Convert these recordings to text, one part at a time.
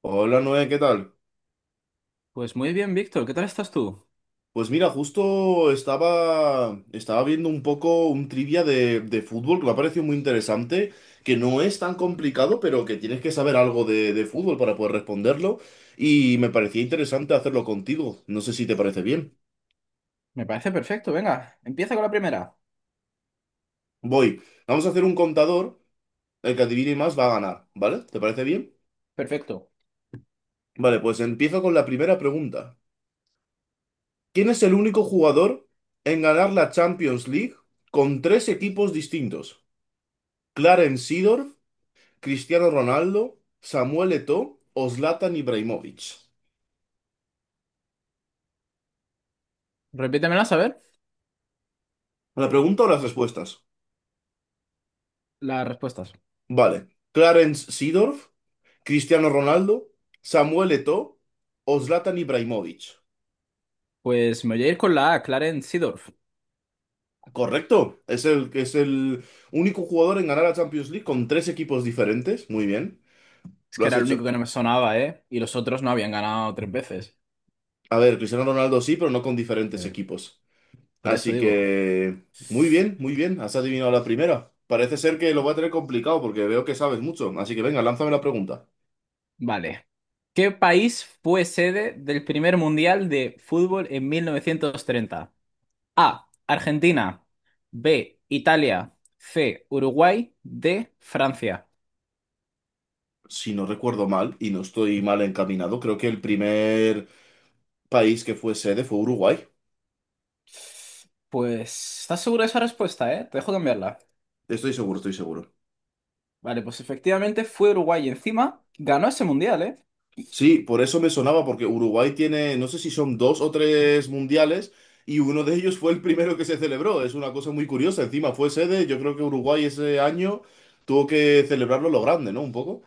Hola Noé, ¿qué tal? Pues muy bien, Víctor, ¿qué tal estás tú? Pues mira, justo estaba viendo un poco un trivia de fútbol que me ha parecido muy interesante, que no es tan complicado, pero que tienes que saber algo de fútbol para poder responderlo, y me parecía interesante hacerlo contigo. No sé si te parece bien. Me parece perfecto, venga, empieza con la primera. Voy, Vamos a hacer un contador, el que adivine más va a ganar, ¿vale? ¿Te parece bien? Perfecto. Vale, pues empiezo con la primera pregunta. ¿Quién es el único jugador en ganar la Champions League con tres equipos distintos? ¿Clarence Seedorf, Cristiano Ronaldo, Samuel Eto'o o Zlatan Ibrahimovic? Repítemelas a ver ¿La pregunta o las respuestas? las respuestas. Vale. Clarence Seedorf, Cristiano Ronaldo, Samuel Eto'o o Zlatan Ibrahimovic. Pues me voy a ir con la A, Clarence Seedorf. Correcto. Es el único jugador en ganar la Champions League con tres equipos diferentes. Muy bien. Es Lo que has era el hecho. único que no me sonaba, ¿eh? Y los otros no habían ganado tres veces. A ver, Cristiano Ronaldo sí, pero no con diferentes Eh, equipos. Por eso Así digo. que. Muy bien, muy bien. Has adivinado la primera. Parece ser que lo voy a tener complicado porque veo que sabes mucho. Así que venga, lánzame la pregunta. Vale. ¿Qué país fue sede del primer mundial de fútbol en 1930? A. Argentina. B. Italia. C. Uruguay. D. Francia. Si no recuerdo mal, y no estoy mal encaminado, creo que el primer país que fue sede fue Uruguay. Pues, ¿estás seguro de esa respuesta, eh? Te dejo cambiarla. Estoy seguro, estoy seguro. Vale, pues efectivamente fue Uruguay y encima ganó ese mundial, ¿eh? Sí, por eso me sonaba, porque Uruguay tiene, no sé si son dos o tres mundiales, y uno de ellos fue el primero que se celebró. Es una cosa muy curiosa. Encima fue sede, yo creo que Uruguay ese año tuvo que celebrarlo a lo grande, ¿no? Un poco.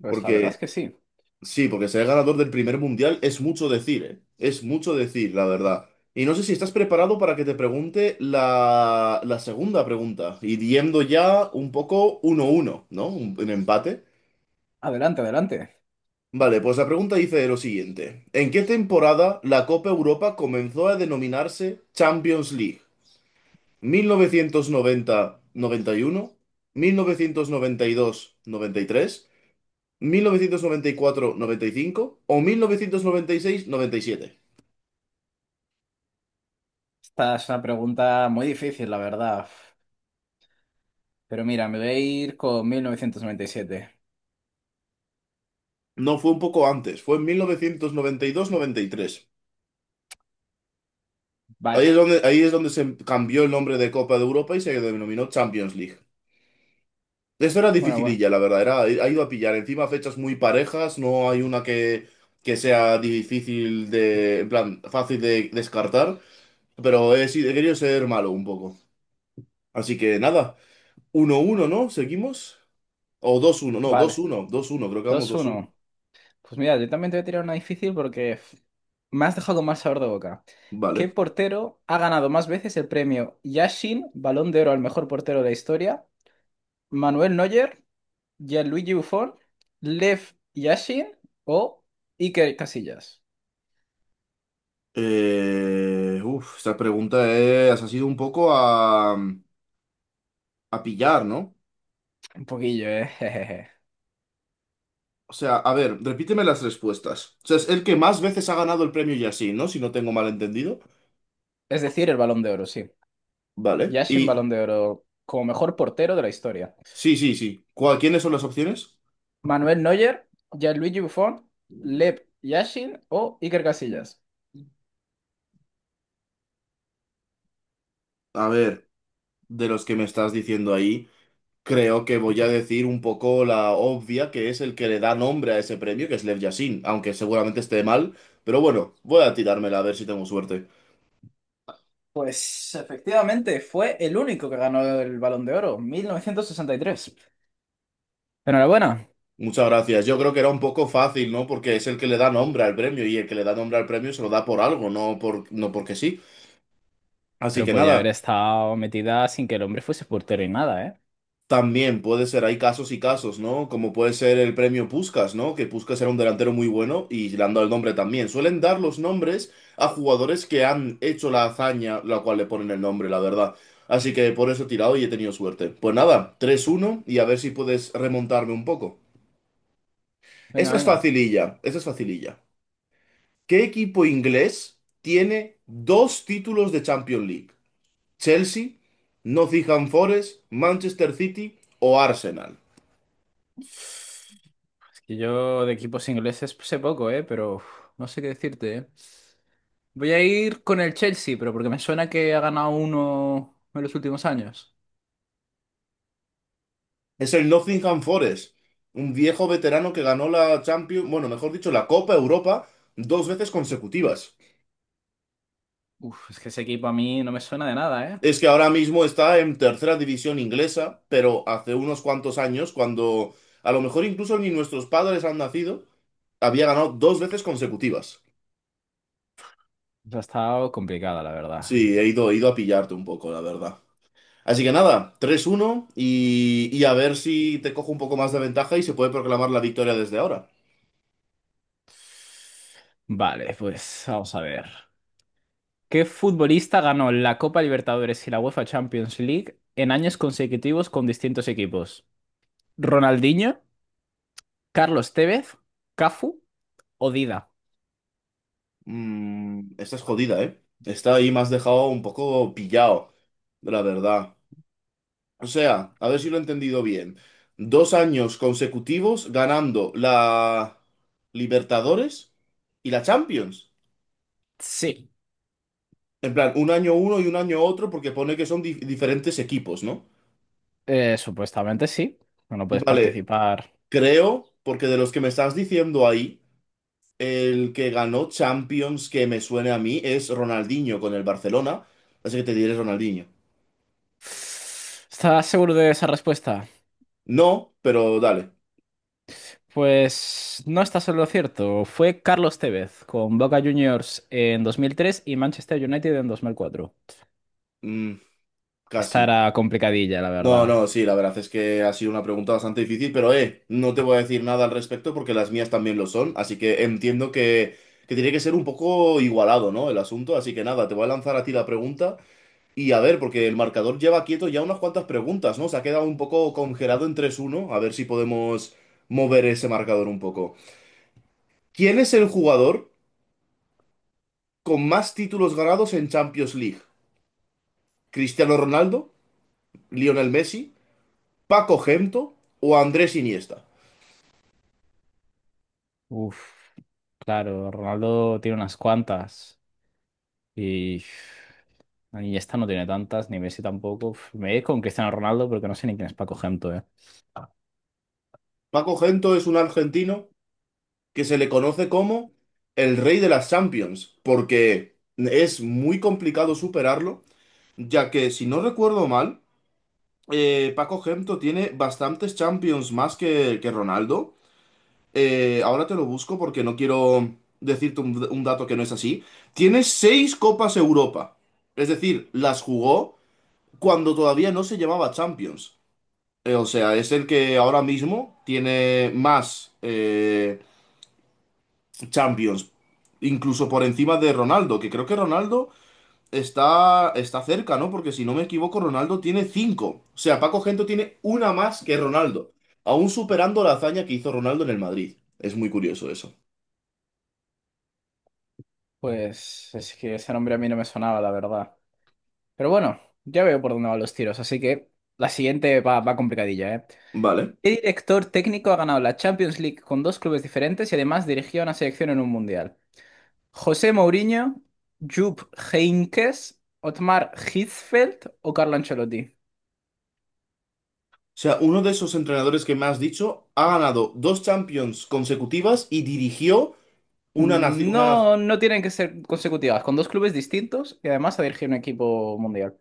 Pues la verdad Porque es que sí. Sí, porque ser ganador del primer mundial es mucho decir, ¿eh? Es mucho decir, la verdad. Y no sé si estás preparado para que te pregunte la segunda pregunta, y yendo ya un poco uno uno, ¿no? Un empate. Adelante, adelante. Vale, pues la pregunta dice lo siguiente. ¿En qué temporada la Copa Europa comenzó a denominarse Champions League? Mil novecientos noventa y uno, dos tres, 1994-95 o mil novecientos noventa y seis noventa y siete? Esta es una pregunta muy difícil, la verdad. Pero mira, me voy a ir con 1997. No, fue un poco antes, fue en mil novecientos noventa y dos y tres. Vaya. Ahí es donde se cambió el nombre de Copa de Europa y se denominó Champions League. Eso era Bueno, bueno. dificililla, la verdad, era, ha ido a pillar. Encima fechas muy parejas, no hay una que sea difícil de, en plan, fácil de descartar, pero he querido ser malo un poco. Así que nada, uno uno no, seguimos o dos uno no, dos Vale. uno, dos uno creo que vamos, Dos dos uno. uno. Pues mira, yo también te voy a tirar una difícil porque me has dejado con mal sabor de boca. ¿Qué Vale. portero ha ganado más veces el premio Yashin, Balón de Oro al mejor portero de la historia? ¿Manuel Neuer? Gianluigi Buffon, Lev Yashin o Iker Casillas. Esta pregunta es, ha sido un poco a pillar, ¿no? Un poquillo, ¿eh? Jejeje. O sea, a ver, repíteme las respuestas. O sea, es el que más veces ha ganado el premio y así, ¿no? Si no tengo mal entendido. Es decir, el Balón de Oro, sí. Vale. Yashin, Y Balón de Oro, como mejor portero de la historia. sí, sí, sí. ¿Quiénes son las opciones? Manuel Neuer, Gianluigi Buffon, Lev Yashin o Iker Casillas. A ver, de los que me estás diciendo ahí, creo que voy a decir un poco la obvia, que es el que le da nombre a ese premio, que es Lev Yashin, aunque seguramente esté mal. Pero bueno, voy a tirármela a ver si tengo suerte. Pues efectivamente fue el único que ganó el Balón de Oro, 1963. Enhorabuena. Muchas gracias. Yo creo que era un poco fácil, ¿no? Porque es el que le da nombre al premio y el que le da nombre al premio se lo da por algo, no por, no porque sí. Así Pero que podía haber nada, estado metida sin que el hombre fuese portero y nada, ¿eh? también puede ser, hay casos y casos, ¿no? Como puede ser el premio Puskás, ¿no? Que Puskás era un delantero muy bueno y le han dado el nombre también. Suelen dar los nombres a jugadores que han hecho la hazaña, la cual le ponen el nombre, la verdad. Así que por eso he tirado y he tenido suerte. Pues nada, tres uno y a ver si puedes remontarme un poco. Venga, Esta es venga. facililla, esta es facililla. ¿Qué equipo inglés tiene dos títulos de Champions League? ¿Chelsea, Nottingham Forest, Manchester City o Arsenal? Y yo de equipos ingleses sé poco, ¿eh? Pero uf, no sé qué decirte, ¿eh? Voy a ir con el Chelsea, pero porque me suena que ha ganado uno en los últimos años. Es el Nottingham Forest, un viejo veterano que ganó la Champions, bueno, mejor dicho, la Copa Europa dos veces consecutivas. Uf, es que ese equipo a mí no me suena de nada, ¿eh? Es que ahora mismo está en tercera división inglesa, pero hace unos cuantos años, cuando a lo mejor incluso ni nuestros padres han nacido, había ganado dos veces consecutivas. Ha estado complicada, la verdad. Sí, he ido a pillarte un poco, la verdad. Así que nada, tres uno y a ver si te cojo un poco más de ventaja y se puede proclamar la victoria desde ahora. Vale, pues vamos a ver. ¿Qué futbolista ganó la Copa Libertadores y la UEFA Champions League en años consecutivos con distintos equipos? ¿Ronaldinho, Carlos Tevez, Cafu o Dida? Mm, esta es jodida, ¿eh? Esta ahí me has dejado un poco pillado, la verdad. O sea, a ver si lo he entendido bien. Dos años consecutivos ganando la Libertadores y la Champions. Sí. En plan, un año uno y un año otro porque pone que son diferentes equipos, ¿no? Supuestamente sí. No puedes Vale, participar. creo, porque de los que me estás diciendo ahí. El que ganó Champions, que me suene a mí, es Ronaldinho con el Barcelona. Así que te diré Ronaldinho. ¿Estás seguro de esa respuesta? No, pero dale. Pues no estás en lo cierto. Fue Carlos Tevez con Boca Juniors en 2003 y Manchester United en 2004. Mm, Esta casi. era complicadilla, la No, verdad. no, sí, la verdad es que ha sido una pregunta bastante difícil, pero no te voy a decir nada al respecto porque las mías también lo son. Así que entiendo que tiene que ser un poco igualado, ¿no? El asunto. Así que nada, te voy a lanzar a ti la pregunta. Y a ver, porque el marcador lleva quieto ya unas cuantas preguntas, ¿no? Se ha quedado un poco congelado en tres uno. A ver si podemos mover ese marcador un poco. ¿Quién es el jugador con más títulos ganados en Champions League? ¿Cristiano Ronaldo, Lionel Messi, Paco Gento o Andrés Iniesta? Uf, claro, Ronaldo tiene unas cuantas y esta no tiene tantas, ni Messi tampoco. Uf, me voy a ir con Cristiano Ronaldo porque no sé ni quién es Paco Gento, eh. Paco Gento es un argentino que se le conoce como el rey de las Champions, porque es muy complicado superarlo, ya que si no recuerdo mal, Paco Gento tiene bastantes Champions más que Ronaldo. Ahora te lo busco porque no quiero decirte un dato que no es así. Tiene seis Copas Europa. Es decir, las jugó cuando todavía no se llamaba Champions. O sea, es el que ahora mismo tiene más Champions. Incluso por encima de Ronaldo, que creo que Ronaldo está cerca, ¿no? Porque si no me equivoco, Ronaldo tiene cinco. O sea, Paco Gento tiene una más que Ronaldo. Aún superando la hazaña que hizo Ronaldo en el Madrid. Es muy curioso eso. Pues es que ese nombre a mí no me sonaba, la verdad. Pero bueno, ya veo por dónde van los tiros, así que la siguiente va complicadilla, ¿eh? Vale. ¿Qué director técnico ha ganado la Champions League con dos clubes diferentes y además dirigió a una selección en un mundial? ¿José Mourinho, Jupp Heynckes, Otmar Hitzfeld o Carlo Ancelotti? O sea, uno de esos entrenadores que me has dicho ha ganado dos Champions consecutivas y dirigió una nación. No, no tienen que ser consecutivas, con dos clubes distintos y además a dirigir un equipo mundial.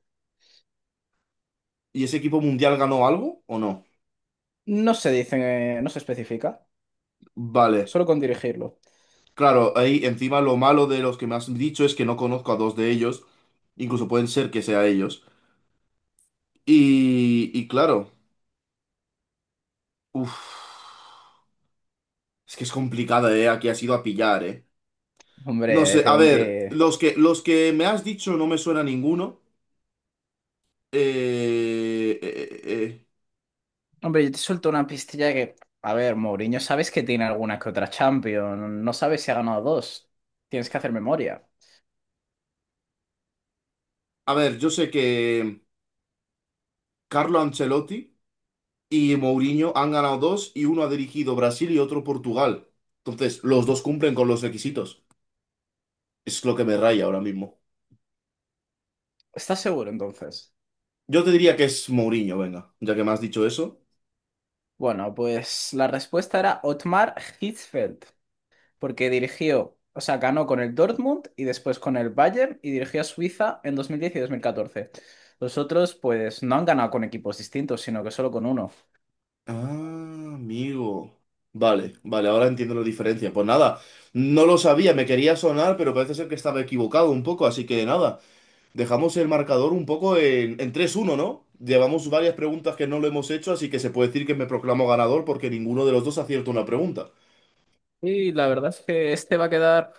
¿Y ese equipo mundial ganó algo o no? No se dice, no se especifica, Vale. solo con dirigirlo. Claro, ahí encima lo malo de los que me has dicho es que no conozco a dos de ellos. Incluso pueden ser que sea ellos. Y claro, uff, es que es complicada, ¿eh? Aquí ha sido a pillar, ¿eh? No Hombre, sé, a tengo ver, que... los que me has dicho no me suena ninguno. Eh, eh, eh, eh. Hombre, yo te suelto una pistilla que, a ver, Mourinho, sabes que tiene alguna que otra Champions, no sabes si ha ganado dos. Tienes que hacer memoria. A ver, yo sé que. Carlo Ancelotti y Mourinho han ganado dos y uno ha dirigido Brasil y otro Portugal. Entonces, los dos cumplen con los requisitos. Es lo que me raya ahora mismo. ¿Estás seguro entonces? Yo te diría que es Mourinho, venga, ya que me has dicho eso. Bueno, pues la respuesta era Otmar Hitzfeld, porque dirigió, o sea, ganó con el Dortmund y después con el Bayern y dirigió a Suiza en 2010 y 2014. Los otros, pues, no han ganado con equipos distintos, sino que solo con uno. Ah, amigo. Vale, vale, ahora entiendo la diferencia. Pues nada, no lo sabía, me quería sonar, pero parece ser que estaba equivocado un poco, así que nada, dejamos el marcador un poco en 3-1, ¿no? Llevamos varias preguntas que no lo hemos hecho, así que se puede decir que me proclamo ganador porque ninguno de los dos acierta una pregunta. Y la verdad es que este va a quedar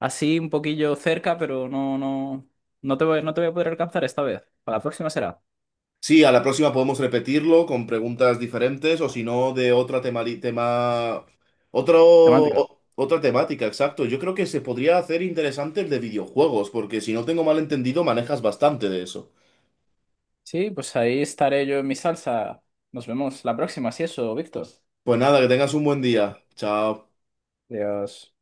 así un poquillo cerca, pero no, no, no te voy a poder alcanzar esta vez. Para la próxima será. Sí, a la próxima podemos repetirlo con preguntas diferentes o si no de otra tema, tema otro, Temática. Otra temática, exacto. Yo creo que se podría hacer interesante el de videojuegos, porque si no tengo mal entendido, manejas bastante de eso. Sí, pues ahí estaré yo en mi salsa. Nos vemos la próxima, si eso, Víctor. Pues nada, que tengas un buen día. Chao. Adiós.